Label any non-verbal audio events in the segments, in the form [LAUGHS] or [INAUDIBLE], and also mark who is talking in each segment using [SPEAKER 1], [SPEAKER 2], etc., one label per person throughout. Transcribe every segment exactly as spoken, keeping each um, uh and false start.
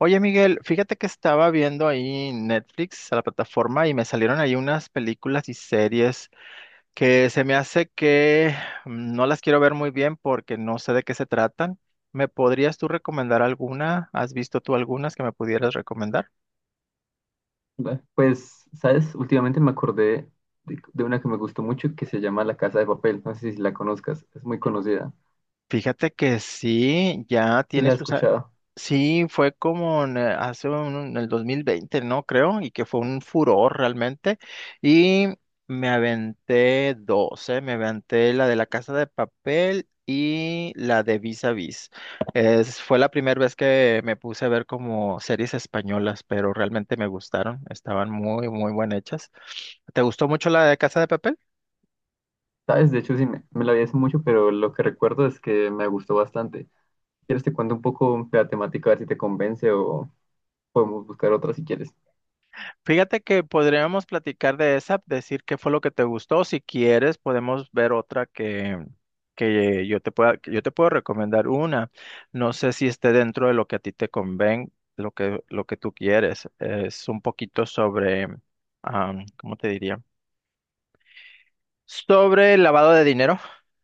[SPEAKER 1] Oye, Miguel, fíjate que estaba viendo ahí Netflix, a la plataforma, y me salieron ahí unas películas y series que se me hace que mm, no las quiero ver muy bien porque no sé de qué se tratan. ¿Me podrías tú recomendar alguna? ¿Has visto tú algunas que me pudieras recomendar?
[SPEAKER 2] Ve, Pues, ¿sabes? Últimamente me acordé de, de una que me gustó mucho que se llama La Casa de Papel. No sé si la conozcas, es muy conocida.
[SPEAKER 1] Fíjate que sí, ya
[SPEAKER 2] Sí
[SPEAKER 1] tiene
[SPEAKER 2] la has
[SPEAKER 1] sus,
[SPEAKER 2] escuchado.
[SPEAKER 1] sí, fue como en, eh, hace un, en el dos mil veinte, ¿no? Creo, y que fue un furor realmente. Y me aventé dos, ¿eh? Me aventé la de La Casa de Papel y la de Vis a Vis. Es, fue la primera vez que me puse a ver como series españolas, pero realmente me gustaron. Estaban muy, muy bien hechas. ¿Te gustó mucho la de Casa de Papel?
[SPEAKER 2] ¿Sabes? De hecho, sí, me, me la vi hace mucho, pero lo que recuerdo es que me gustó bastante. ¿Quieres te cuento un poco de la temática, a ver si te convence o podemos buscar otra si quieres?
[SPEAKER 1] Fíjate que podríamos platicar de esa, decir qué fue lo que te gustó. Si quieres, podemos ver otra que, que yo te pueda, que yo te puedo recomendar una. No sé si esté dentro de lo que a ti te conven, lo que, lo que tú quieres. Es un poquito sobre, am, ¿cómo te diría? Sobre el lavado de dinero.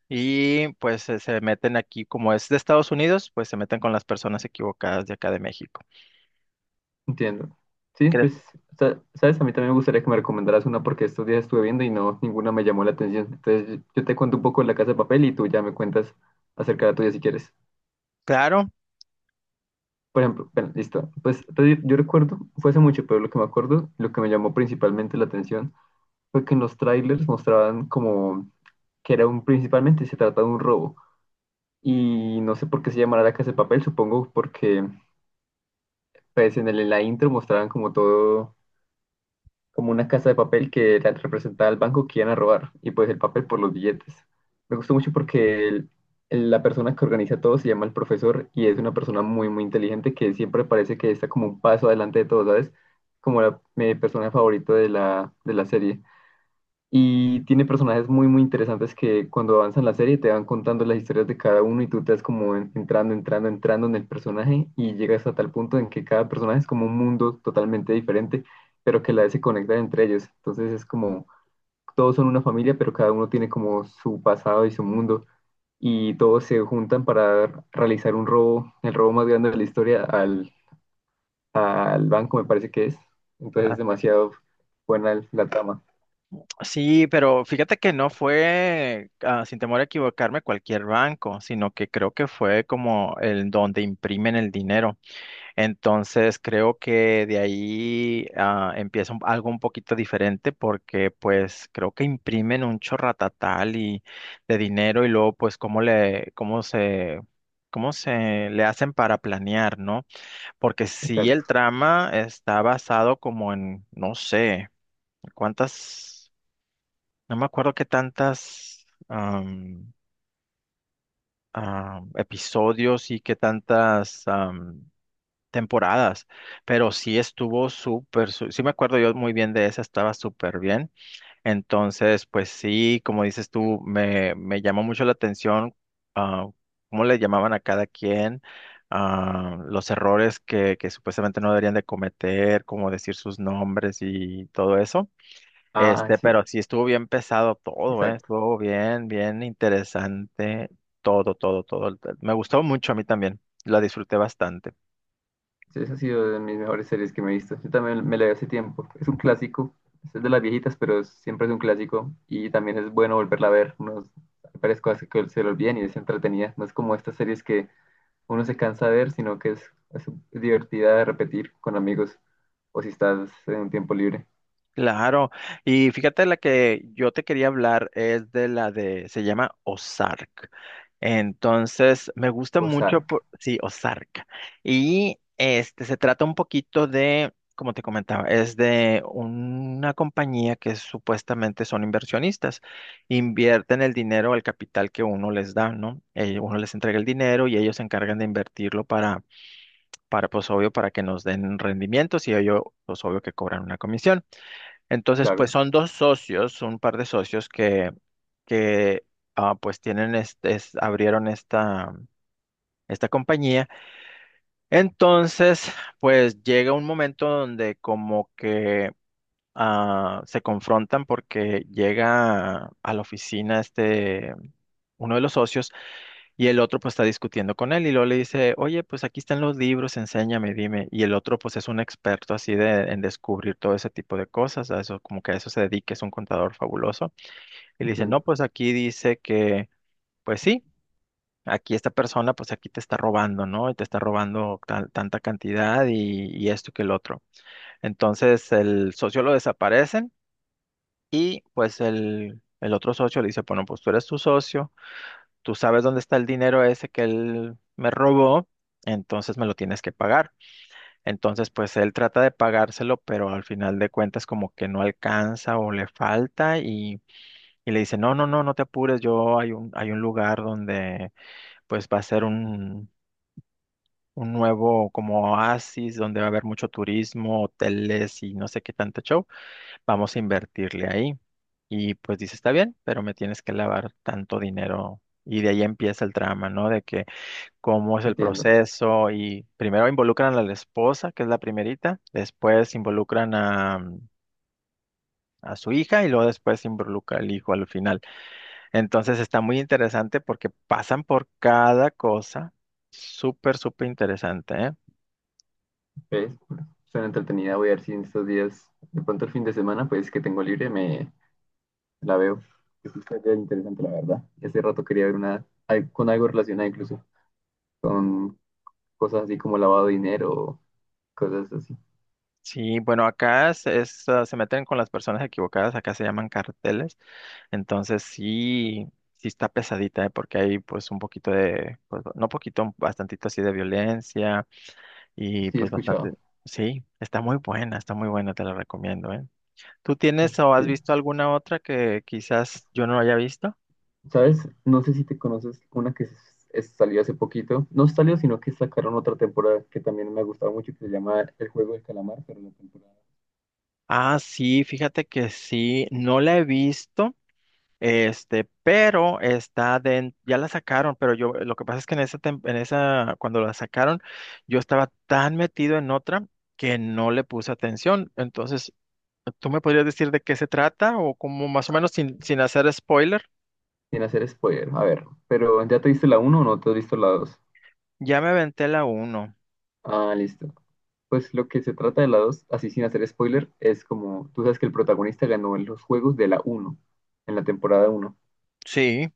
[SPEAKER 1] Y pues se, se meten aquí, como es de Estados Unidos, pues se meten con las personas equivocadas de acá de México.
[SPEAKER 2] Entiendo. Sí,
[SPEAKER 1] ¿Crees?
[SPEAKER 2] pues, sa- ¿sabes? A mí también me gustaría que me recomendaras una porque estos días estuve viendo y no, ninguna me llamó la atención. Entonces, yo te cuento un poco de La Casa de Papel y tú ya me cuentas acerca de la tuya si quieres.
[SPEAKER 1] Claro.
[SPEAKER 2] Por ejemplo, bueno, listo. Pues entonces, yo recuerdo, fue hace mucho, pero lo que me acuerdo, lo que me llamó principalmente la atención fue que en los trailers mostraban como que era un, principalmente se trata de un robo. Y no sé por qué se llamará la casa de papel, supongo porque pues en, el- en la intro mostraban como todo como una casa de papel que era- representaba al banco que iban a robar y pues el papel por los billetes. Me gustó mucho porque el- el- la persona que organiza todo se llama el profesor y es una persona muy, muy inteligente que siempre parece que está como un paso adelante de todos, ¿sabes? Como la, mi personaje favorito de la, de la serie. Y tiene personajes muy, muy interesantes que cuando avanzan la serie te van contando las historias de cada uno y tú te vas como en- entrando, entrando, entrando en el personaje y llegas a tal punto en que cada personaje es como un mundo totalmente diferente, pero que a la vez se conectan entre ellos. Entonces es como, todos son una familia, pero cada uno tiene como su pasado y su mundo y todos se juntan para realizar un robo, el robo más grande de la historia al, al banco, me parece que es. Entonces es demasiado buena la trama.
[SPEAKER 1] Sí, pero fíjate que no fue, ah, sin temor a equivocarme, cualquier banco, sino que creo que fue como el donde imprimen el dinero. Entonces creo que de ahí ah, empieza un- algo un poquito diferente porque pues creo que imprimen un chorratatal y de dinero y luego pues cómo le, cómo se, cómo se le hacen para planear, ¿no? Porque si el
[SPEAKER 2] Exacto.
[SPEAKER 1] trama está basado como en, no sé, cuántas, no me acuerdo qué tantas am, am, episodios y qué tantas am, temporadas, pero sí estuvo súper, su- sí me acuerdo yo muy bien de esa, estaba súper bien. Entonces, pues sí, como dices tú, me, me llamó mucho la atención ah, cómo le llamaban a cada quien, ah, los errores que, que supuestamente no deberían de cometer, como decir sus nombres y todo eso.
[SPEAKER 2] Ah,
[SPEAKER 1] Este,
[SPEAKER 2] sí,
[SPEAKER 1] pero sí estuvo bien pesado todo, ¿eh?
[SPEAKER 2] exacto.
[SPEAKER 1] Estuvo bien, bien interesante. Todo, todo, todo. Me gustó mucho a mí también. La disfruté bastante.
[SPEAKER 2] Sí, esa ha sido de mis mejores series que me he visto. Yo también me la vi hace tiempo. Es un clásico. Es de las viejitas, pero es- siempre es un clásico. Y también es bueno volverla a ver. Unos, hay varias cosas que se le olvidan y es entretenida. No es como estas series que uno se cansa de ver, sino que es, es divertida de repetir con amigos. O si estás en un tiempo libre.
[SPEAKER 1] Claro, y fíjate la que yo te quería hablar es de la de, se llama Ozark. Entonces, me gusta
[SPEAKER 2] O
[SPEAKER 1] mucho, por- sí, Ozark. Y este se trata un poquito de, como te comentaba, es de una compañía que supuestamente son inversionistas. Invierten el dinero, el capital que uno les da, ¿no? Eh, uno les entrega el dinero y ellos se encargan de invertirlo para, para, pues obvio, para que nos den rendimientos y ellos, pues obvio, que cobran una comisión. Entonces, pues
[SPEAKER 2] claro.
[SPEAKER 1] son dos socios, un par de socios que, que ah, pues tienen este, es- abrieron esta, esta compañía. Entonces, pues llega un momento donde como que ah, se confrontan porque llega a la oficina este, uno de los socios y el otro pues está discutiendo con él y luego le dice, oye, pues aquí están los libros, enséñame, dime. Y el otro pues es un experto así de, en descubrir todo ese tipo de cosas, a eso, como que a eso se dedica, es un contador fabuloso. Y le dice, no,
[SPEAKER 2] Entiendo,
[SPEAKER 1] pues aquí dice que, pues sí. Aquí esta persona, pues aquí te está robando, ¿no? Y te está robando tal- tanta cantidad y, y esto que el otro. Entonces el socio lo desaparece y pues el, el otro socio le dice, bueno, pues tú eres tu socio, tú sabes dónde está el dinero ese que él me robó, entonces me lo tienes que pagar. Entonces pues él trata de pagárselo, pero al final de cuentas como que no alcanza o le falta y, y le dice, no, no, no, no te apures, yo hay un, hay un lugar donde pues va a ser un... un nuevo como oasis donde va a haber mucho turismo, hoteles y no sé qué tanto show, vamos a invertirle ahí. Y pues dice, está bien, pero me tienes que lavar tanto dinero. Y de ahí empieza el trama, ¿no? De que cómo es el
[SPEAKER 2] entiendo.
[SPEAKER 1] proceso. Y primero involucran a la esposa, que es la primerita, después involucran a, a su hija y luego después involucra al hijo al final. Entonces está muy interesante porque pasan por cada cosa. Súper, súper interesante, ¿eh?
[SPEAKER 2] ¿Ves? Suena entretenida. Voy a ver si en estos días, de pronto el fin de semana, pues que tengo libre, me, la veo. Es una historia interesante, la verdad. Y hace rato quería ver una al- con algo relacionado incluso con cosas así como lavado de dinero, cosas así.
[SPEAKER 1] Sí, bueno, acá es, es, ah, se meten con las personas equivocadas, acá se llaman carteles, entonces sí, sí está pesadita, ¿eh? Porque hay pues un poquito de, pues, no poquito, un bastantito así de violencia y
[SPEAKER 2] Sí, he
[SPEAKER 1] pues bastante,
[SPEAKER 2] escuchado.
[SPEAKER 1] sí, está muy buena, está muy buena, te la recomiendo, ¿eh? ¿Tú tienes o
[SPEAKER 2] Sí.
[SPEAKER 1] has visto alguna otra que quizás yo no haya visto?
[SPEAKER 2] ¿Sabes? No sé si te conoces una que es- es- salió hace poquito. No salió, sino que sacaron otra temporada que también me ha gustado mucho, que se llama El Juego del Calamar, pero la temporada.
[SPEAKER 1] Ah, sí, fíjate que sí, no la he visto. Este, pero está den- ya la sacaron, pero yo, lo que pasa es que en esa, tem- en esa, cuando la sacaron, yo estaba tan metido en otra que no le puse atención. Entonces, ¿tú me podrías decir de qué se trata? O como más o menos sin, sin hacer spoiler,
[SPEAKER 2] Sin hacer spoiler, a ver. Pero ¿ya te viste la uno o no te has visto la dos?
[SPEAKER 1] ya me aventé la uno.
[SPEAKER 2] Ah, listo. Pues lo que se trata de la dos, así sin hacer spoiler, es como tú sabes que el protagonista ganó en los juegos de la uno, en la temporada uno,
[SPEAKER 1] Sí.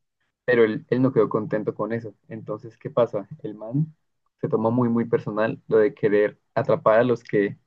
[SPEAKER 2] pero él, él no quedó contento con eso. Entonces, ¿qué pasa? El man se toma muy, muy personal lo de querer atrapar a los que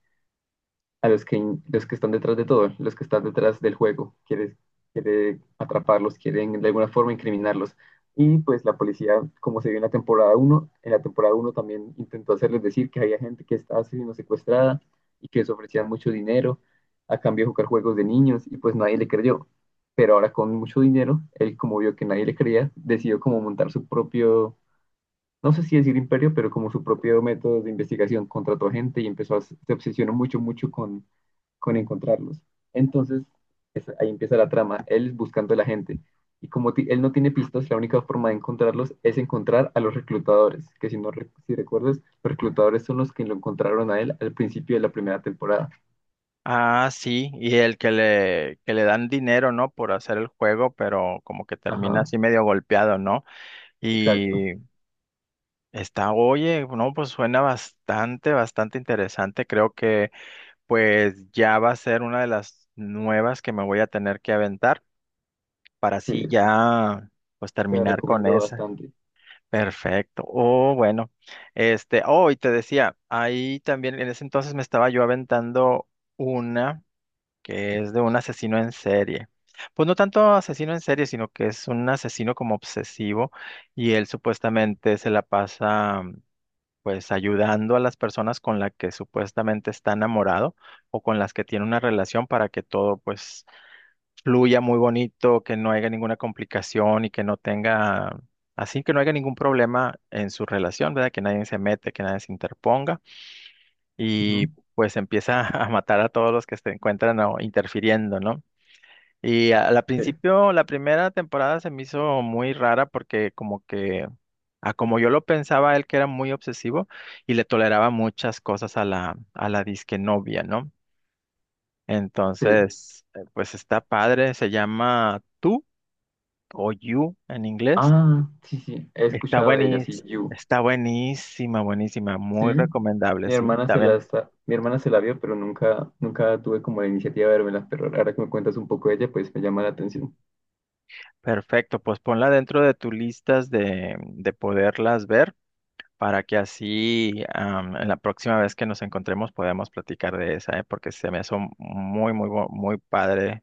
[SPEAKER 2] a los que, los que están detrás de todo, los que están detrás del juego. Quiere, quiere atraparlos, quieren de alguna forma incriminarlos. Y pues la policía, como se vio en la temporada uno, en la temporada uno también intentó hacerles decir que había gente que estaba siendo secuestrada y que les ofrecían mucho dinero a cambio de jugar juegos de niños y pues nadie le creyó. Pero ahora con mucho dinero, él como vio que nadie le creía, decidió como montar su propio, no sé si decir imperio, pero como su propio método de investigación. Contrató gente y empezó a, se obsesionó mucho, mucho con con encontrarlos. Entonces, es- ahí empieza la trama, él buscando a la gente. Y como ti- él no tiene pistas, la única forma de encontrarlos es encontrar a los reclutadores, que si no re- si recuerdas, los reclutadores son los que lo encontraron a él al principio de la primera temporada.
[SPEAKER 1] Ah, sí, y el que le, que le dan dinero, ¿no? Por hacer el juego, pero como que termina
[SPEAKER 2] Ajá,
[SPEAKER 1] así medio golpeado, ¿no?
[SPEAKER 2] exacto.
[SPEAKER 1] Y está, oye, no, pues suena bastante, bastante interesante. Creo que pues ya va a ser una de las nuevas que me voy a tener que aventar para
[SPEAKER 2] Sí,
[SPEAKER 1] así ya pues
[SPEAKER 2] te la
[SPEAKER 1] terminar con
[SPEAKER 2] recomiendo
[SPEAKER 1] esa.
[SPEAKER 2] bastante.
[SPEAKER 1] Perfecto. Oh, bueno. Este, oh, y te decía, ahí también en ese entonces me estaba yo aventando una que es de un asesino en serie. Pues no tanto asesino en serie, sino que es un asesino como obsesivo y él supuestamente se la pasa pues ayudando a las personas con las que supuestamente está enamorado o con las que tiene una relación para que todo pues fluya muy bonito, que no haya ninguna complicación y que no tenga, así que no haya ningún problema en su relación, ¿verdad? Que nadie se mete, que nadie se interponga y
[SPEAKER 2] Ujú.
[SPEAKER 1] pues empieza [LAUGHS] a matar a todos los que se encuentran o interfiriendo, ¿no? Y a- al
[SPEAKER 2] Sí,
[SPEAKER 1] principio, la primera temporada se me hizo muy rara porque como que, a como yo lo pensaba, él que era muy obsesivo y le toleraba muchas cosas a la, a la disque novia, ¿no?
[SPEAKER 2] sí.
[SPEAKER 1] Entonces, eh, pues está padre, se llama Tú o You en inglés.
[SPEAKER 2] Ah, sí, sí, he
[SPEAKER 1] Está
[SPEAKER 2] escuchado de ella, sí,
[SPEAKER 1] buenísima,
[SPEAKER 2] You.
[SPEAKER 1] está buenísima, buenísima,
[SPEAKER 2] Sí,
[SPEAKER 1] muy recomendable,
[SPEAKER 2] mi
[SPEAKER 1] sí,
[SPEAKER 2] hermana se la
[SPEAKER 1] también.
[SPEAKER 2] está- mi hermana se la vio, pero nunca, nunca tuve como la iniciativa de vérmela, pero ahora que me cuentas un poco de ella, pues me llama la atención.
[SPEAKER 1] Perfecto, pues ponla dentro de tus listas de, de poderlas ver, para que así am, en la próxima vez que nos encontremos podamos platicar de esa, ¿eh? Porque se me hizo muy, muy, bu- muy padre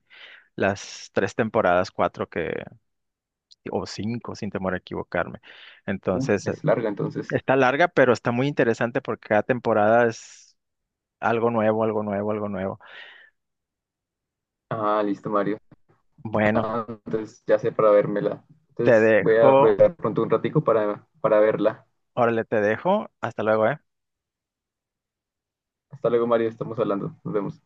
[SPEAKER 1] las tres temporadas, cuatro que, o cinco, sin temor a equivocarme.
[SPEAKER 2] Uf,
[SPEAKER 1] Entonces, eh,
[SPEAKER 2] es larga entonces.
[SPEAKER 1] está larga, pero está muy interesante porque cada temporada es algo nuevo, algo nuevo, algo nuevo.
[SPEAKER 2] Ah, listo, Mario.
[SPEAKER 1] Bueno,
[SPEAKER 2] Ah, entonces ya sé para vérmela.
[SPEAKER 1] te
[SPEAKER 2] Entonces voy a
[SPEAKER 1] dejo,
[SPEAKER 2] aprovechar pronto un ratico para, para verla.
[SPEAKER 1] órale, te dejo. Hasta luego, ¿eh?
[SPEAKER 2] Hasta luego, Mario. Estamos hablando. Nos vemos.